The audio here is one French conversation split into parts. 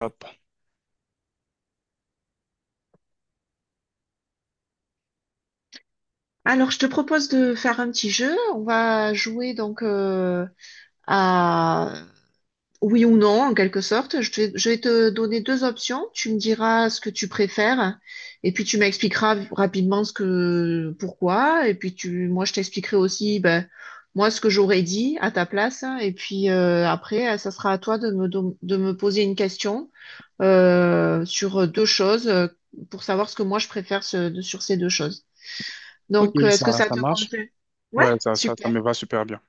Hop. Alors, je te propose de faire un petit jeu. On va jouer donc à oui ou non, en quelque sorte. Je vais te donner deux options. Tu me diras ce que tu préfères et puis tu m'expliqueras rapidement pourquoi. Et puis moi, je t'expliquerai aussi, ben, moi, ce que j'aurais dit à ta place. Et puis après, ça sera à toi de de me poser une question sur deux choses pour savoir ce que moi je préfère sur ces deux choses. Ok, Donc, est-ce ça, que ça ça te marche. convient? Ouais, Ouais, ça super. me va super bien.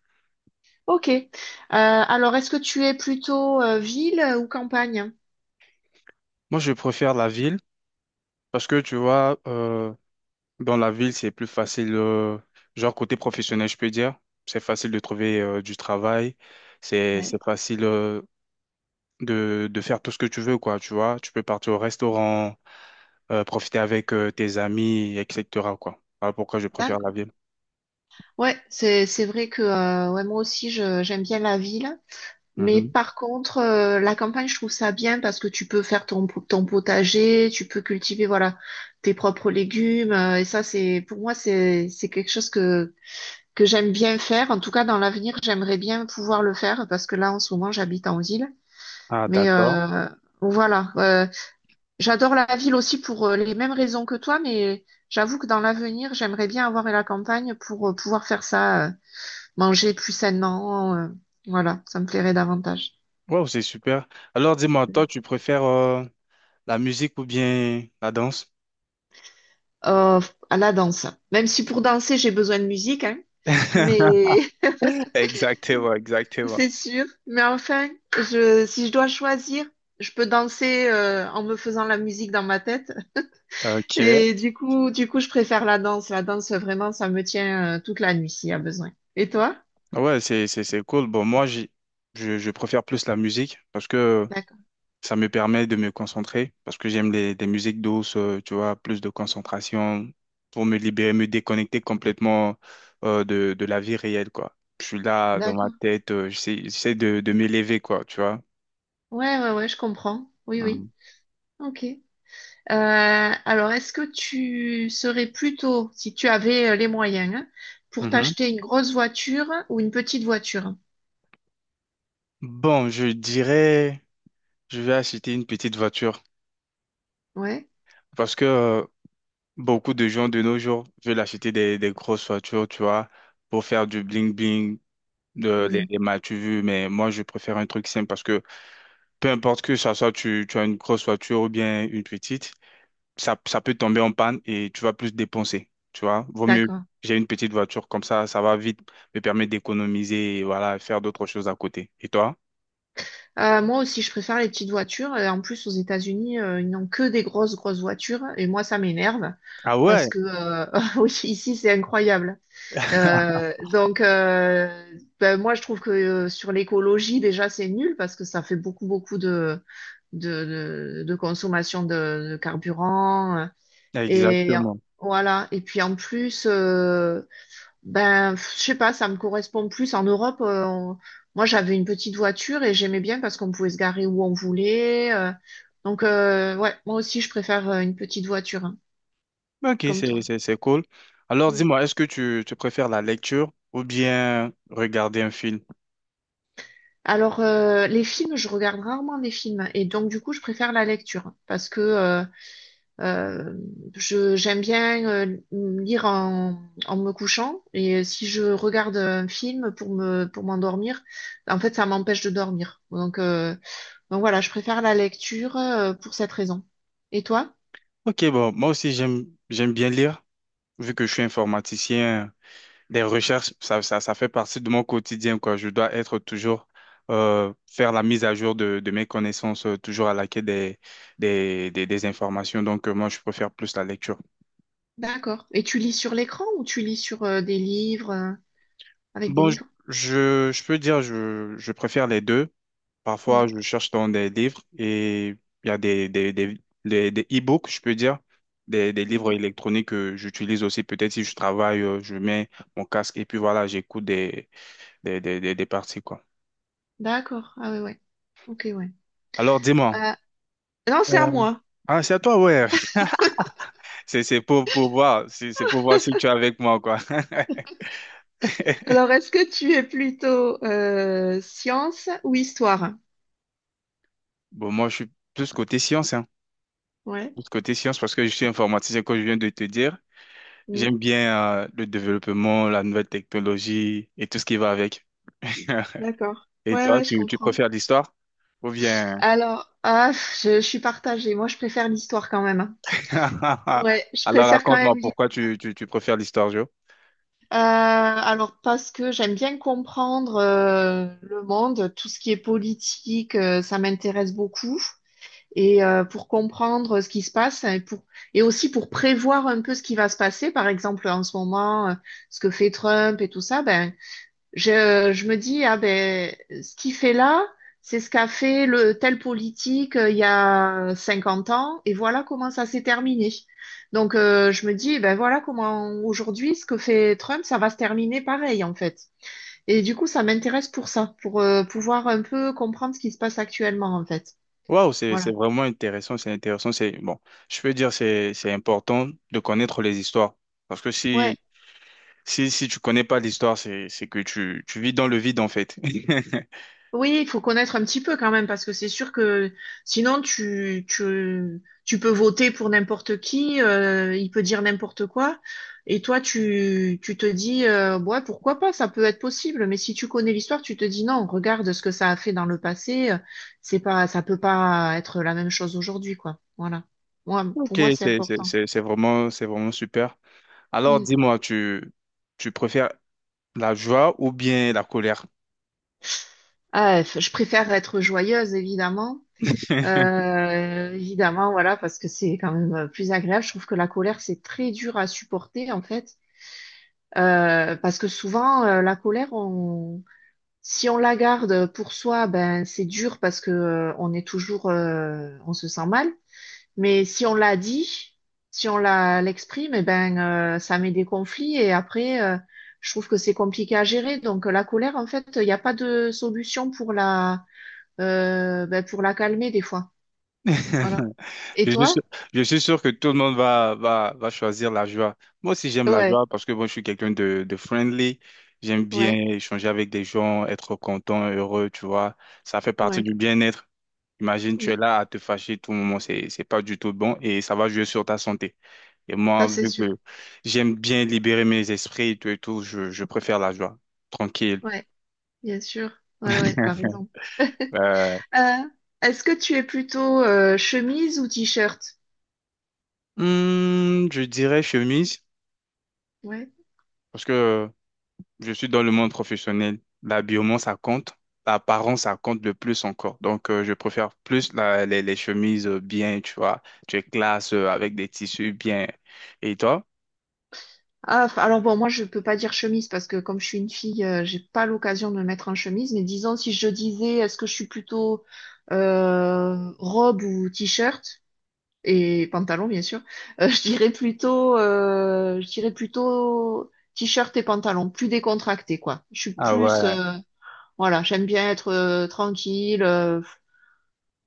Ok. Alors, est-ce que tu es plutôt ville ou campagne? Moi, je préfère la ville parce que tu vois, dans la ville, c'est plus facile, genre côté professionnel, je peux dire. C'est facile de trouver du travail. C'est, Ouais, c'est facile de faire tout ce que tu veux, quoi. Tu vois, tu peux partir au restaurant, profiter avec tes amis, etc., quoi. Voilà pourquoi je préfère la d'accord. ville. Ouais, c'est vrai que ouais, moi aussi je j'aime bien la ville, mais Mhm. par contre la campagne je trouve ça bien parce que tu peux faire ton potager, tu peux cultiver voilà tes propres légumes et ça c'est pour moi c'est quelque chose que j'aime bien faire. En tout cas dans l'avenir j'aimerais bien pouvoir le faire parce que là en ce moment j'habite en ville. Ah, Mais d'accord. euh, voilà. J'adore la ville aussi pour les mêmes raisons que toi, mais j'avoue que dans l'avenir, j'aimerais bien avoir la campagne pour pouvoir faire ça, manger plus sainement. Voilà, ça me plairait davantage. Wow, c'est super. Alors, dis-moi, toi, tu préfères la musique ou bien la danse? Euh, à la danse. Même si pour danser, j'ai besoin de musique, hein, mais Exactement, exactement. c'est sûr. Mais enfin, si je dois choisir, je peux danser en me faisant la musique dans ma tête. Ok, Et du coup, je préfère la danse. La danse, vraiment, ça me tient toute la nuit s'il y a besoin. Et toi? ouais, c'est cool. Bon, moi, je préfère plus la musique parce que D'accord, ça me permet de me concentrer, parce que j'aime des musiques douces, tu vois, plus de concentration pour me libérer, me déconnecter complètement de la vie réelle, quoi. Je suis là dans ma d'accord. tête, j'essaie de m'élever, quoi, tu vois. Ouais, ouais, ouais, je comprends. Oui, Mhm. oui. Ok. Alors, est-ce que tu serais plutôt, si tu avais les moyens, hein, pour Mhm. t'acheter une grosse voiture ou une petite voiture? Bon, je dirais, je vais acheter une petite voiture Ouais. parce que beaucoup de gens de nos jours veulent acheter des grosses voitures, tu vois, pour faire du bling-bling, de, les, Hmm, les mal tu veux, mais moi, je préfère un truc simple parce que peu importe que ça soit tu as une grosse voiture ou bien une petite, ça peut tomber en panne et tu vas plus dépenser, tu vois. Vaut mieux, d'accord. j'ai une petite voiture, comme ça va vite me permet d'économiser et voilà, faire d'autres choses à côté. Et toi? Moi aussi, je préfère les petites voitures. Et en plus, aux États-Unis, ils n'ont que des grosses, grosses voitures. Et moi, ça m'énerve Ah parce ouais, que oui, ici, c'est incroyable. Donc, ben, moi, je trouve que sur l'écologie, déjà, c'est nul parce que ça fait beaucoup, beaucoup de consommation de carburant. Et exactement. voilà. Et puis, en plus, ben, pff, je sais pas, ça me correspond plus. En Europe, moi, j'avais une petite voiture et j'aimais bien parce qu'on pouvait se garer où on voulait. Donc, ouais, moi aussi, je préfère une petite voiture, hein, Ok, comme toi. c'est cool. Alors, dis-moi, est-ce que tu préfères la lecture ou bien regarder un film? Alors, les films, je regarde rarement des films et donc du coup, je préfère la lecture parce que euh, je j'aime bien lire en me couchant et si je regarde un film pour me pour m'endormir, en fait, ça m'empêche de dormir. Donc, voilà, je préfère la lecture pour cette raison. Et toi? Ok, bon, moi aussi j'aime bien lire, vu que je suis informaticien, des recherches, ça fait partie de mon quotidien, quoi. Je dois être toujours faire la mise à jour de mes connaissances, toujours à la quête des informations. Donc moi je préfère plus la lecture. D'accord. Et tu lis sur l'écran ou tu lis sur des livres avec des Bon, je, livres? je, je peux dire je préfère les deux. Parfois, Mm. je cherche dans des livres et il y a des e-books, je peux dire, des livres Mhm. électroniques que j'utilise aussi. Peut-être si je travaille, je mets mon casque et puis voilà, j'écoute des parties, quoi. D'accord. Ah ouais, ouais. Ok, ouais. Alors, dis-moi. Euh, non, c'est à Euh, moi. Ah, c'est à toi, ouais. C'est pour voir. C'est pour voir si tu es avec moi, quoi. Alors, est-ce que tu es plutôt science ou histoire? Bon, moi, je suis plus côté science, hein. Ouais, Plus côté science parce que je suis informaticien, comme je viens de te dire. hmm, J'aime bien, le développement, la nouvelle technologie et tout ce qui va avec. d'accord. Et Ouais, toi, ouais, je tu comprends. préfères l'histoire? Ou bien… Alors, ah, pff, je suis partagée. Moi, je préfère l'histoire quand même. Ouais, je Alors préfère quand raconte-moi même l'histoire. pourquoi tu préfères l'histoire, Joe. Alors, parce que j'aime bien comprendre le monde, tout ce qui est politique, ça m'intéresse beaucoup. Et pour comprendre ce qui se passe et pour et aussi pour prévoir un peu ce qui va se passer, par exemple en ce moment, ce que fait Trump et tout ça, ben Je me dis, ah ben, ce qu'il fait là, c'est ce qu'a fait le tel politique il y a 50 ans, et voilà comment ça s'est terminé. Donc, je me dis, ben voilà comment aujourd'hui, ce que fait Trump, ça va se terminer pareil, en fait. Et du coup, ça m'intéresse pour ça, pour pouvoir un peu comprendre ce qui se passe actuellement, en fait. Waouh, c'est, Voilà. c'est vraiment intéressant, c'est bon. Je peux dire c'est important de connaître les histoires parce que si Ouais. si si tu connais pas l'histoire, c'est que tu vis dans le vide en fait. Oui, il faut connaître un petit peu quand même, parce que c'est sûr que sinon tu peux voter pour n'importe qui, il peut dire n'importe quoi, et toi tu te dis, ouais, pourquoi pas, ça peut être possible, mais si tu connais l'histoire, tu te dis non, regarde ce que ça a fait dans le passé, c'est pas, ça peut pas être la même chose aujourd'hui, quoi. Voilà. Moi, Ok, pour moi, c'est c'est c'est- important. c'est- c'est vraiment, c'est vraiment super. Alors, Mm. dis-moi, tu préfères la joie ou bien la colère? Ah, je préfère être joyeuse, évidemment. Évidemment, voilà, parce que c'est quand même plus agréable. Je trouve que la colère, c'est très dur à supporter, en fait. Parce que souvent, la colère, si on la garde pour soi, ben, c'est dur parce que on est toujours, on se sent mal. Mais si on la dit, si on la l'exprime, eh ben, ça met des conflits et après, je trouve que c'est compliqué à gérer. Donc, la colère, en fait, il n'y a pas de solution pour la calmer des fois. Voilà. Et Je suis sûr, toi? je suis sûr que tout le monde va choisir la joie. Moi aussi, j'aime la Ouais, joie parce que bon, je suis quelqu'un de friendly. J'aime bien ouais, échanger avec des gens, être content, heureux, tu vois. Ça fait partie ouais. du bien-être. Imagine, Mm. tu es là à te fâcher tout le moment. C'est pas du tout bon et ça va jouer sur ta santé. Et Ça, moi, c'est vu sûr. que j'aime bien libérer mes esprits et tout, je préfère la joie. Tranquille. Ouais, bien sûr. Ouais, ouais, t'as raison. Euh, Euh, Est-ce que tu es plutôt chemise ou t-shirt? Je dirais chemise, Ouais. parce que je suis dans le monde professionnel. L'habillement, ça compte. L'apparence, ça compte le plus encore. Donc, je préfère plus les chemises bien, tu vois. Tu es classe avec des tissus bien. Et toi? Ah, alors bon, moi, je peux pas dire chemise parce que comme je suis une fille, j'ai pas l'occasion de me mettre en chemise. Mais disons, si je disais, est-ce que je suis plutôt robe ou t-shirt et pantalon, bien sûr, je dirais plutôt t-shirt et pantalon, plus décontracté, quoi. Je suis Ah plus ouais. euh, Voilà, j'aime bien être tranquille.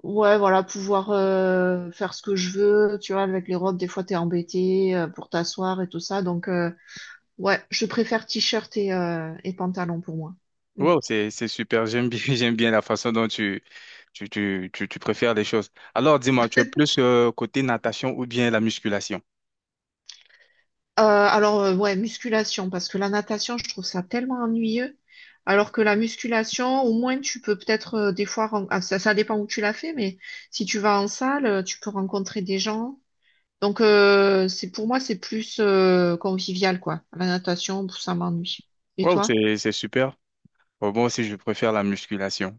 Ouais, voilà, pouvoir faire ce que je veux. Tu vois, avec les robes, des fois, t'es embêté pour t'asseoir et tout ça. Donc, ouais, je préfère t-shirt et pantalon pour moi. Mm. Wow, c'est super. J'aime bien j'aime bien la façon dont tu préfères les choses. Alors dis-moi, tu es plus côté natation ou bien la musculation? Alors, ouais, musculation, parce que la natation, je trouve ça tellement ennuyeux. Alors que la musculation, au moins, tu peux peut-être des fois, ah, ça dépend où tu l'as fait, mais si tu vas en salle, tu peux rencontrer des gens. Donc, c'est pour moi, c'est plus convivial, quoi. La natation, pff, ça m'ennuie. Et Wow, toi? c'est super. Bon, moi aussi je préfère la musculation.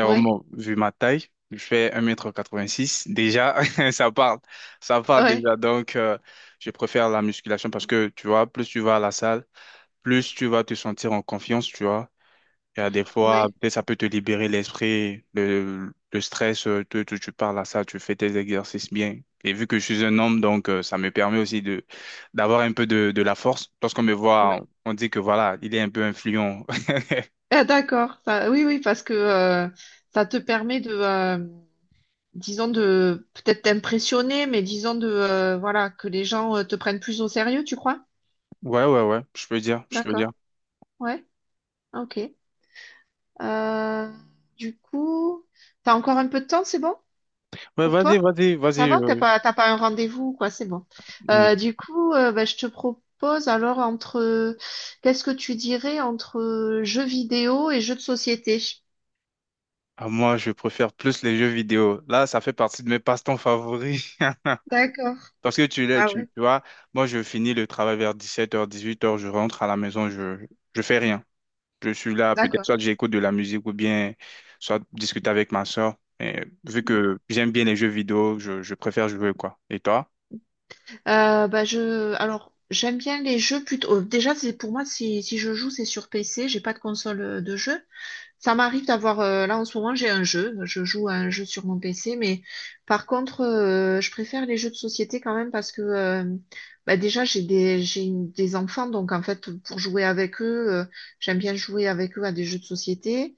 Ouais, vu ma taille, je fais 1,86 m. Déjà, ça parle. Ça parle ouais, déjà. Donc, je préfère la musculation parce que, tu vois, plus tu vas à la salle, plus tu vas te sentir en confiance, tu vois. Il y a des fois, ouais, peut-être ça peut te libérer l'esprit, le stress, tu parles à ça, tu fais tes exercices bien. Et vu que je suis un homme, donc ça me permet aussi de d'avoir un peu de la force. Lorsqu'on me voit, ouais. on dit que voilà, il est un peu influent. Ah, d'accord. Oui, oui, parce que ça te permet de, disons, de peut-être t'impressionner, mais disons de, voilà, que les gens te prennent plus au sérieux, tu crois? Ouais, ouais, ouais, je peux dire, je peux D'accord. dire. Ouais. Ok. Euh, du coup, t'as encore un peu de temps, c'est bon? Ouais, Pour vas-y, toi? vas-y, Ça vas-y. va? T'as pas, t'as pas un rendez-vous, ou quoi, c'est bon. Hmm. Du coup, bah, je te propose alors entre, qu'est-ce que tu dirais entre jeux vidéo et jeux de société? Ah, moi, je préfère plus les jeux vidéo. Là, ça fait partie de mes passe-temps favoris. D'accord. Parce que tu l'as, Ah tu, ouais, tu vois, moi, je finis le travail vers 17h, 18h, je rentre à la maison, je fais rien. Je suis là, peut-être d'accord. soit j'écoute de la musique ou bien soit discuter avec ma soeur. Mais vu Mhm. que j'aime bien les jeux vidéo, je préfère jouer quoi. Et toi? Bah, alors, j'aime bien les jeux plutôt, déjà, c'est, pour moi, si je joue, c'est sur PC, j'ai pas de console de jeu. Ça m'arrive d'avoir, là en ce moment j'ai un jeu, je joue à un jeu sur mon PC, mais par contre je préfère les jeux de société quand même parce que bah déjà j'ai des, j'ai une- des enfants, donc en fait pour jouer avec eux, j'aime bien jouer avec eux à des jeux de société.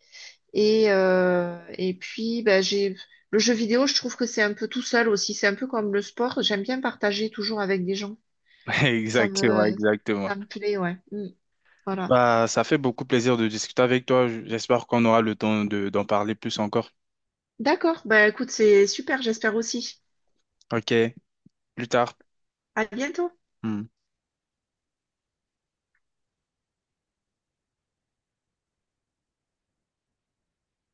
Et puis bah, j'ai le jeu vidéo, je trouve que c'est un peu tout seul aussi, c'est un peu comme le sport, j'aime bien partager toujours avec des gens. Ça Exactement, me, exactement. ça me plaît, ouais. Mm. Voilà. Bah, ça fait beaucoup plaisir de discuter avec toi. J'espère qu'on aura le temps d'en parler plus encore. D'accord, bah écoute, c'est super, j'espère aussi. Ok, plus tard. À bientôt. Hmm.